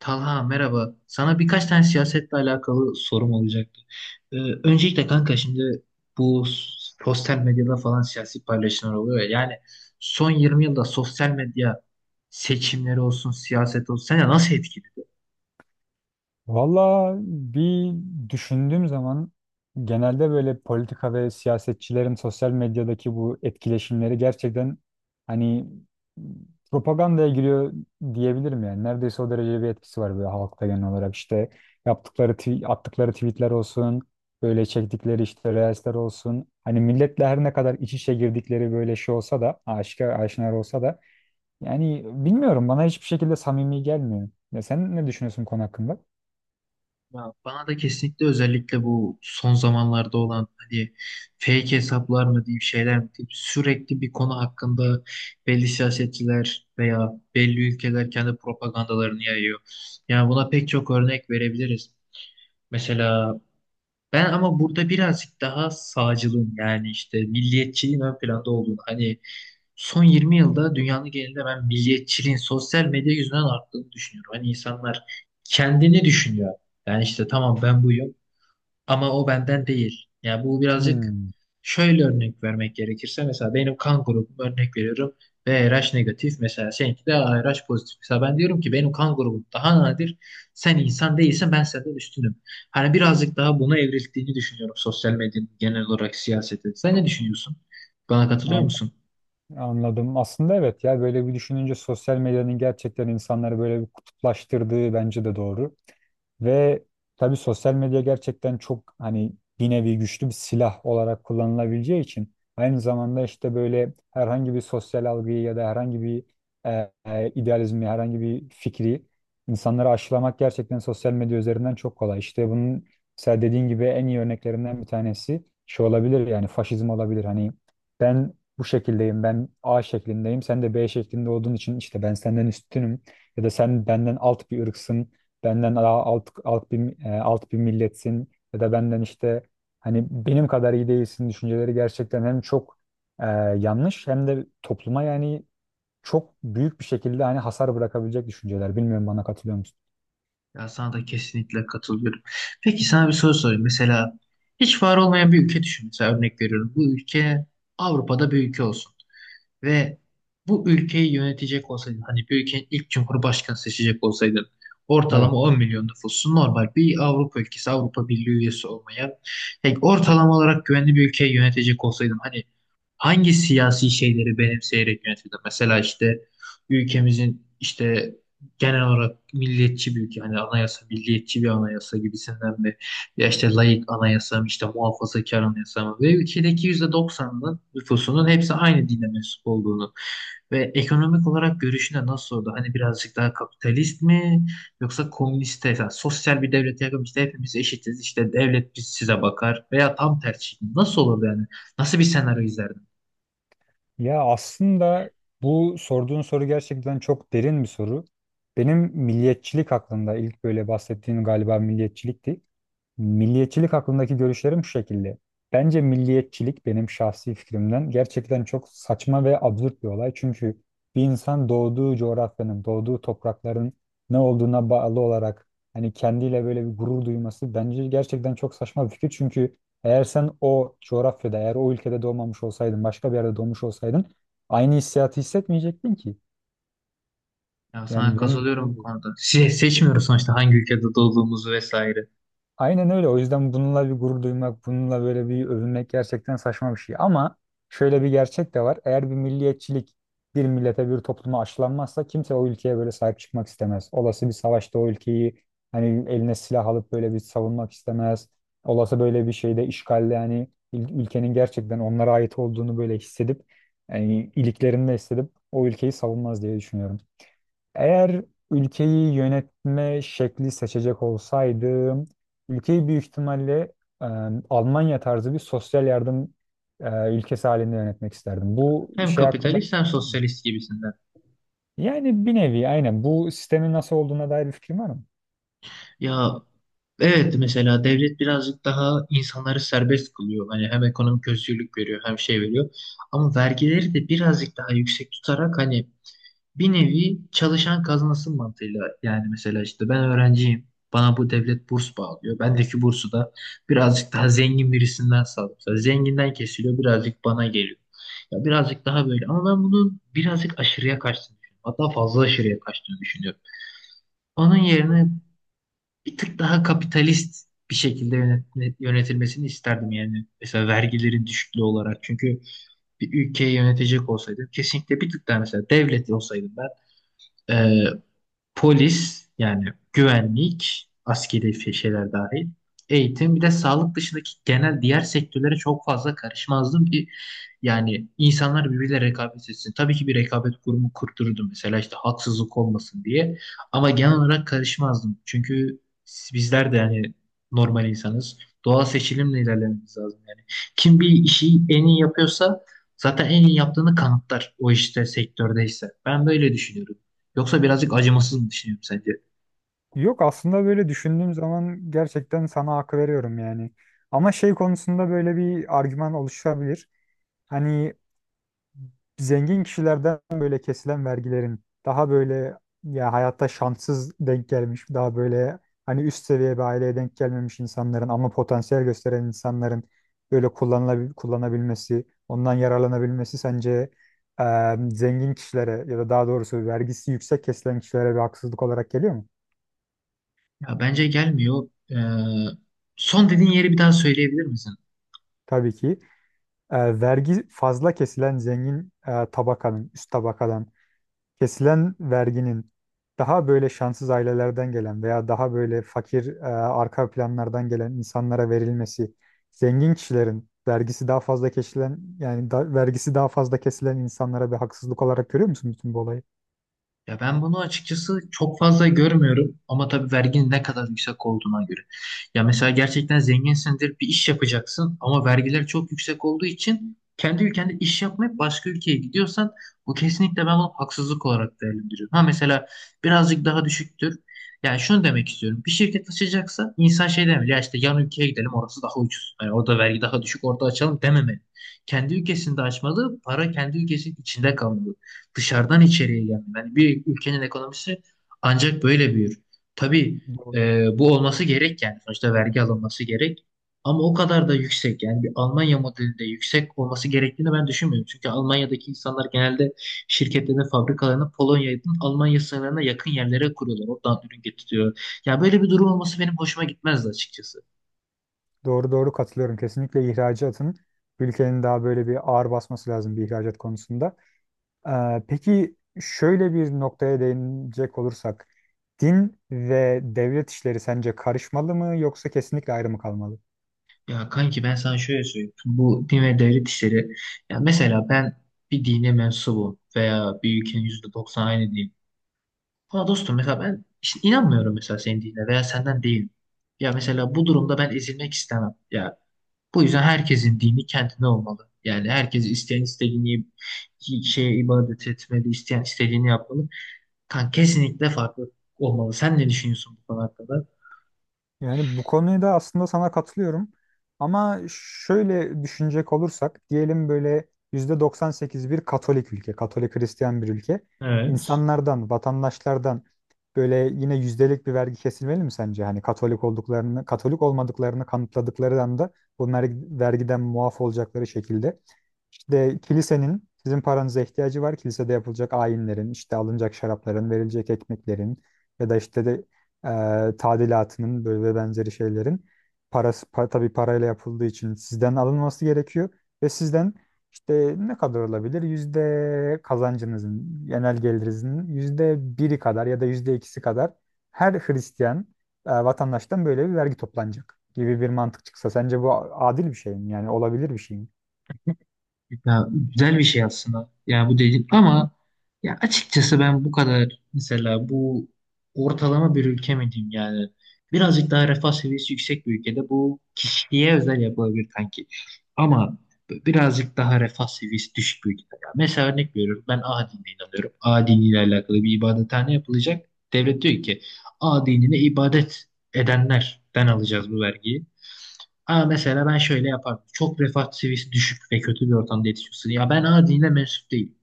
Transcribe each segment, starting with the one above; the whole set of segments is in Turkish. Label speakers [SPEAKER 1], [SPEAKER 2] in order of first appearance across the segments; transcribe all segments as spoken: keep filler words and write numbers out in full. [SPEAKER 1] Talha, merhaba. Sana birkaç tane siyasetle alakalı sorum olacaktı. Ee, öncelikle kanka, şimdi bu sosyal medyada falan siyasi paylaşımlar oluyor ya. Yani son yirmi yılda sosyal medya seçimleri olsun, siyaset olsun seni nasıl etkili?
[SPEAKER 2] Valla bir düşündüğüm zaman genelde böyle politika ve siyasetçilerin sosyal medyadaki bu etkileşimleri gerçekten hani propagandaya giriyor diyebilirim yani. Neredeyse o derece bir etkisi var böyle halkta genel olarak. İşte yaptıkları, tw- attıkları tweetler olsun, böyle çektikleri işte reelsler olsun. Hani milletle her ne kadar iç içe girdikleri böyle şey olsa da, aşikar aşinar olsa da yani bilmiyorum bana hiçbir şekilde samimi gelmiyor. Ya sen ne düşünüyorsun bu konu hakkında?
[SPEAKER 1] Ya bana da kesinlikle, özellikle bu son zamanlarda olan, hani fake hesaplar mı diyeyim, şeyler mi diyeyim, sürekli bir konu hakkında belli siyasetçiler veya belli ülkeler kendi propagandalarını yayıyor. Yani buna pek çok örnek verebiliriz. Mesela ben, ama burada birazcık daha sağcılığın, yani işte milliyetçiliğin ön planda olduğunu, hani son yirmi yılda dünyanın genelinde ben milliyetçiliğin sosyal medya yüzünden arttığını düşünüyorum. Hani insanlar kendini düşünüyor. Yani işte tamam, ben buyum ama o benden değil. Yani bu birazcık,
[SPEAKER 2] Hmm.
[SPEAKER 1] şöyle örnek vermek gerekirse, mesela benim kan grubum, örnek veriyorum, B R H negatif, mesela seninki de A R H pozitif. Mesela ben diyorum ki benim kan grubum daha nadir. Sen insan değilsen ben senden üstünüm. Hani birazcık daha buna evrildiğini düşünüyorum sosyal medyanın genel olarak siyasete. Sen ne düşünüyorsun? Bana katılıyor
[SPEAKER 2] an-
[SPEAKER 1] musun?
[SPEAKER 2] Anladım. Aslında evet ya böyle bir düşününce sosyal medyanın gerçekten insanları böyle bir kutuplaştırdığı bence de doğru. Ve tabii sosyal medya gerçekten çok hani bir nevi güçlü bir silah olarak kullanılabileceği için aynı zamanda işte böyle herhangi bir sosyal algıyı ya da herhangi bir e, e, idealizmi, herhangi bir fikri insanları aşılamak gerçekten sosyal medya üzerinden çok kolay. İşte bunun mesela dediğin gibi en iyi örneklerinden bir tanesi şey olabilir yani faşizm olabilir. Hani ben bu şekildeyim, ben A şeklindeyim, sen de B şeklinde olduğun için işte ben senden üstünüm ya da sen benden alt bir ırksın, benden daha alt, alt bir, e, alt bir milletsin ya da benden işte hani benim kadar iyi değilsin düşünceleri gerçekten hem çok e, yanlış hem de topluma yani çok büyük bir şekilde hani hasar bırakabilecek düşünceler. Bilmiyorum bana katılıyor musun?
[SPEAKER 1] Ya sana da kesinlikle katılıyorum. Peki sana bir soru sorayım. Mesela hiç var olmayan bir ülke düşün. Mesela örnek veriyorum. Bu ülke Avrupa'da bir ülke olsun. Ve bu ülkeyi yönetecek olsaydın, hani bir ülkenin ilk cumhurbaşkanı seçecek olsaydın,
[SPEAKER 2] Evet.
[SPEAKER 1] ortalama on milyon nüfusu, normal bir Avrupa ülkesi, Avrupa Birliği üyesi olmayan, yani ortalama olarak güvenli bir ülkeyi yönetecek olsaydın, hani hangi siyasi şeyleri benimseyerek yönetirdin? Mesela işte ülkemizin işte genel olarak milliyetçi bir ülke, hani anayasa milliyetçi bir anayasa gibisinden, ya işte laik anayasa mı, işte muhafazakar anayasa mı? Ve ülkedeki yüzde doksanının nüfusunun hepsi aynı dine mensup olduğunu ve ekonomik olarak görüşüne nasıl oldu? Hani birazcık daha kapitalist mi, yoksa komüniste, yani sosyal bir devlete yakın, işte hepimiz eşitiz, işte devlet biz size bakar, veya tam tersi. Nasıl olurdu yani? Nasıl bir senaryo izlerdin?
[SPEAKER 2] Ya aslında bu sorduğun soru gerçekten çok derin bir soru. Benim milliyetçilik hakkında ilk böyle bahsettiğim galiba milliyetçilikti. Milliyetçilik hakkındaki görüşlerim şu şekilde. Bence milliyetçilik benim şahsi fikrimden gerçekten çok saçma ve absürt bir olay. Çünkü bir insan doğduğu coğrafyanın, doğduğu toprakların ne olduğuna bağlı olarak hani kendiyle böyle bir gurur duyması bence gerçekten çok saçma bir fikir. Çünkü eğer sen o coğrafyada, eğer o ülkede doğmamış olsaydın, başka bir yerde doğmuş olsaydın aynı hissiyatı hissetmeyecektin ki.
[SPEAKER 1] Ya sana
[SPEAKER 2] Yani benim
[SPEAKER 1] katılıyorum
[SPEAKER 2] diyeceğim
[SPEAKER 1] bu
[SPEAKER 2] bu.
[SPEAKER 1] konuda. Se- seçmiyoruz sonuçta hangi ülkede doğduğumuzu vesaire.
[SPEAKER 2] Aynen öyle. O yüzden bununla bir gurur duymak, bununla böyle bir övünmek gerçekten saçma bir şey. Ama şöyle bir gerçek de var. Eğer bir milliyetçilik bir millete, bir topluma aşılanmazsa kimse o ülkeye böyle sahip çıkmak istemez. Olası bir savaşta o ülkeyi hani eline silah alıp böyle bir savunmak istemez. Olası böyle bir şeyde işgalle hani ül- ülkenin gerçekten onlara ait olduğunu böyle hissedip yani iliklerinde hissedip o ülkeyi savunmaz diye düşünüyorum. Eğer ülkeyi yönetme şekli seçecek olsaydım, ülkeyi büyük ihtimalle e, Almanya tarzı bir sosyal yardım e, ülkesi halinde yönetmek isterdim. Bu
[SPEAKER 1] Hem
[SPEAKER 2] şey hakkında bir
[SPEAKER 1] kapitalist hem
[SPEAKER 2] fikrin var mı?
[SPEAKER 1] sosyalist gibisinden.
[SPEAKER 2] Yani bir nevi aynen bu sistemin nasıl olduğuna dair bir fikrim var mı?
[SPEAKER 1] Ya evet, mesela devlet birazcık daha insanları serbest kılıyor. Hani hem ekonomik özgürlük veriyor, hem şey veriyor. Ama vergileri de birazcık daha yüksek tutarak, hani bir nevi çalışan kazansın mantığıyla. Yani mesela işte ben öğrenciyim. Bana bu devlet burs bağlıyor. Bendeki bursu da birazcık daha zengin birisinden sağlıyor. Mesela zenginden kesiliyor, birazcık bana geliyor. Ya birazcık daha böyle, ama ben bunun birazcık aşırıya kaçtığını düşünüyorum. Hatta fazla aşırıya kaçtığını düşünüyorum. Onun yerine bir tık daha kapitalist bir şekilde yönet- yönetilmesini isterdim yani. Mesela vergilerin düşüklüğü olarak. Çünkü bir ülkeyi yönetecek olsaydım, kesinlikle bir tık daha, mesela devlet olsaydım ben, e, polis, yani güvenlik, askeri fe- şeyler dahil, eğitim bir de sağlık dışındaki genel diğer sektörlere çok fazla karışmazdım ki yani insanlar birbiriyle rekabet etsin. Tabii ki bir rekabet kurumu kurdururdum, mesela işte haksızlık olmasın diye, ama genel olarak karışmazdım. Çünkü bizler de yani normal insanız. Doğal seçilimle ilerlememiz lazım yani. Kim bir işi en iyi yapıyorsa zaten en iyi yaptığını kanıtlar o işte sektördeyse. Ben böyle düşünüyorum. Yoksa birazcık acımasız mı düşünüyorum sence?
[SPEAKER 2] Yok aslında böyle düşündüğüm zaman gerçekten sana hak veriyorum yani. Ama şey konusunda böyle bir argüman oluşabilir. Hani zengin kişilerden böyle kesilen vergilerin daha böyle ya hayatta şanssız denk gelmiş, daha böyle hani üst seviye bir aileye denk gelmemiş insanların ama potansiyel gösteren insanların böyle kullanılabil kullanabilmesi, ondan yararlanabilmesi sence e, zengin kişilere ya da daha doğrusu vergisi yüksek kesilen kişilere bir haksızlık olarak geliyor mu?
[SPEAKER 1] Ya bence gelmiyor. Ee, son dediğin yeri bir daha söyleyebilir misin?
[SPEAKER 2] Tabii ki. E, vergi fazla kesilen zengin e, tabakanın, üst tabakadan kesilen verginin daha böyle şanssız ailelerden gelen veya daha böyle fakir e, arka planlardan gelen insanlara verilmesi, zengin kişilerin vergisi daha fazla kesilen yani da- vergisi daha fazla kesilen insanlara bir haksızlık olarak görüyor musun bütün bu olayı?
[SPEAKER 1] Ya ben bunu açıkçası çok fazla görmüyorum, ama tabii verginin ne kadar yüksek olduğuna göre. Ya mesela gerçekten zenginsindir, bir iş yapacaksın ama vergiler çok yüksek olduğu için kendi ülkende iş yapmayıp başka ülkeye gidiyorsan, bu kesinlikle, ben bunu haksızlık olarak değerlendiriyorum. Ha mesela birazcık daha düşüktür. Yani şunu demek istiyorum. Bir şirket açacaksa insan şey demeli. Ya işte yan ülkeye gidelim, orası daha ucuz. Yani orada vergi daha düşük, orada açalım dememeli. Kendi ülkesinde açmalı. Para kendi ülkesinin içinde kalmalı, dışarıdan içeriye gelme. Yani bir ülkenin ekonomisi ancak böyle büyür. Tabii
[SPEAKER 2] Doğru.
[SPEAKER 1] e, bu olması gerek yani. Sonuçta vergi alınması gerek. Ama o kadar da yüksek, yani bir Almanya modelinde yüksek olması gerektiğini ben düşünmüyorum. Çünkü Almanya'daki insanlar genelde şirketlerin fabrikalarını Polonya'nın Almanya sınırlarına yakın yerlere kuruyorlar. Oradan ürün getiriyor. Ya böyle bir durum olması benim hoşuma gitmezdi açıkçası.
[SPEAKER 2] Doğru doğru katılıyorum. Kesinlikle ihracatın ülkenin daha böyle bir ağır basması lazım bir ihracat konusunda. Ee, peki şöyle bir noktaya değinecek olursak din ve devlet işleri sence karışmalı mı yoksa kesinlikle ayrı mı kalmalı?
[SPEAKER 1] Ya kanki ben sana şöyle söyleyeyim. Bu din ve devlet işleri. Ya mesela ben bir dine mensubum veya bir ülkenin yüzde doksanı aynı din. Ama dostum, mesela ben işte inanmıyorum, mesela senin dinine, veya senden değil. Ya mesela bu durumda ben ezilmek istemem. Ya bu yüzden herkesin dini kendine olmalı. Yani herkes isteyen istediğini şeye ibadet etmeli, isteyen istediğini yapmalı. Kan kesinlikle farklı olmalı. Sen ne düşünüyorsun bu konu hakkında?
[SPEAKER 2] Yani bu konuda aslında sana katılıyorum. Ama şöyle düşünecek olursak diyelim böyle yüzde doksan sekiz bir Katolik ülke, Katolik Hristiyan bir ülke.
[SPEAKER 1] Evet.
[SPEAKER 2] İnsanlardan, vatandaşlardan böyle yine yüzdelik bir vergi kesilmeli mi sence? Hani Katolik olduklarını, Katolik olmadıklarını kanıtladıkları anda bunlar vergiden muaf olacakları şekilde. İşte kilisenin sizin paranıza ihtiyacı var. Kilisede yapılacak ayinlerin, işte alınacak şarapların, verilecek ekmeklerin ya da işte de e, tadilatının böyle ve benzeri şeylerin parası pa, tabii parayla yapıldığı için sizden alınması gerekiyor ve sizden işte ne kadar olabilir? Yüzde kazancınızın, genel gelirinizin yüzde biri kadar ya da yüzde ikisi kadar her Hristiyan e, vatandaştan böyle bir vergi toplanacak gibi bir mantık çıksa sence bu adil bir şey mi? Yani olabilir bir şey mi?
[SPEAKER 1] Ya güzel bir şey aslında. Ya bu dedik, ama ya açıkçası ben bu kadar, mesela bu ortalama bir ülke mi diyeyim, yani birazcık daha refah seviyesi yüksek bir ülkede bu kişiye özel yapılabilir kanki. Ama birazcık daha refah seviyesi düşük bir ülkede. Ya mesela örnek veriyorum, ben A dinine inanıyorum. A diniyle alakalı bir ibadethane yapılacak. Devlet diyor ki A dinine ibadet edenlerden alacağız bu vergiyi. Ama mesela ben şöyle yapardım. Çok refah seviyesi düşük ve kötü bir ortamda yetişiyorsun. Ya ben adine mensup değilim.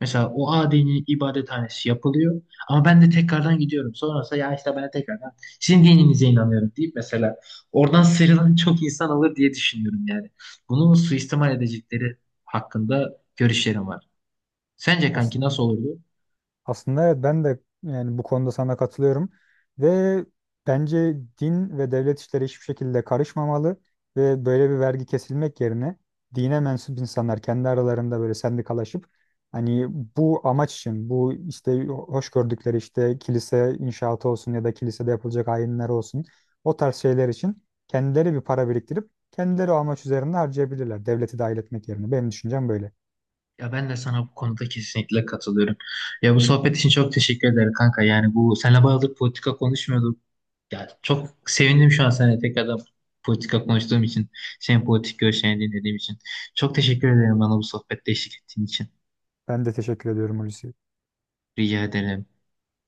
[SPEAKER 1] Mesela o adinin ibadethanesi yapılıyor. Ama ben de tekrardan gidiyorum. Sonrasında ya işte ben de tekrardan sizin dininize inanıyorum deyip mesela, oradan sıyrılan çok insan olur diye düşünüyorum yani. Bunu suistimal edecekleri hakkında görüşlerim var. Sence kanki nasıl
[SPEAKER 2] Aslında
[SPEAKER 1] olurdu?
[SPEAKER 2] Aslında evet ben de yani bu konuda sana katılıyorum ve bence din ve devlet işleri hiçbir şekilde karışmamalı ve böyle bir vergi kesilmek yerine dine mensup insanlar kendi aralarında böyle sendikalaşıp hani bu amaç için bu işte hoş gördükleri işte kilise inşaatı olsun ya da kilisede yapılacak ayinler olsun o tarz şeyler için kendileri bir para biriktirip kendileri o amaç üzerinde harcayabilirler devleti dahil etmek yerine. Benim düşüncem böyle.
[SPEAKER 1] Ya ben de sana bu konuda kesinlikle katılıyorum. Ya bu sohbet için çok teşekkür ederim kanka. Yani bu seninle bayağıdır politika konuşmuyorduk. Ya çok sevindim şu an seninle tekrardan politika konuştuğum için. Senin politik görüşlerini dinlediğim için. Çok teşekkür ederim bana bu sohbette eşlik ettiğin için.
[SPEAKER 2] Ben de teşekkür ediyorum Hulusi.
[SPEAKER 1] Rica ederim.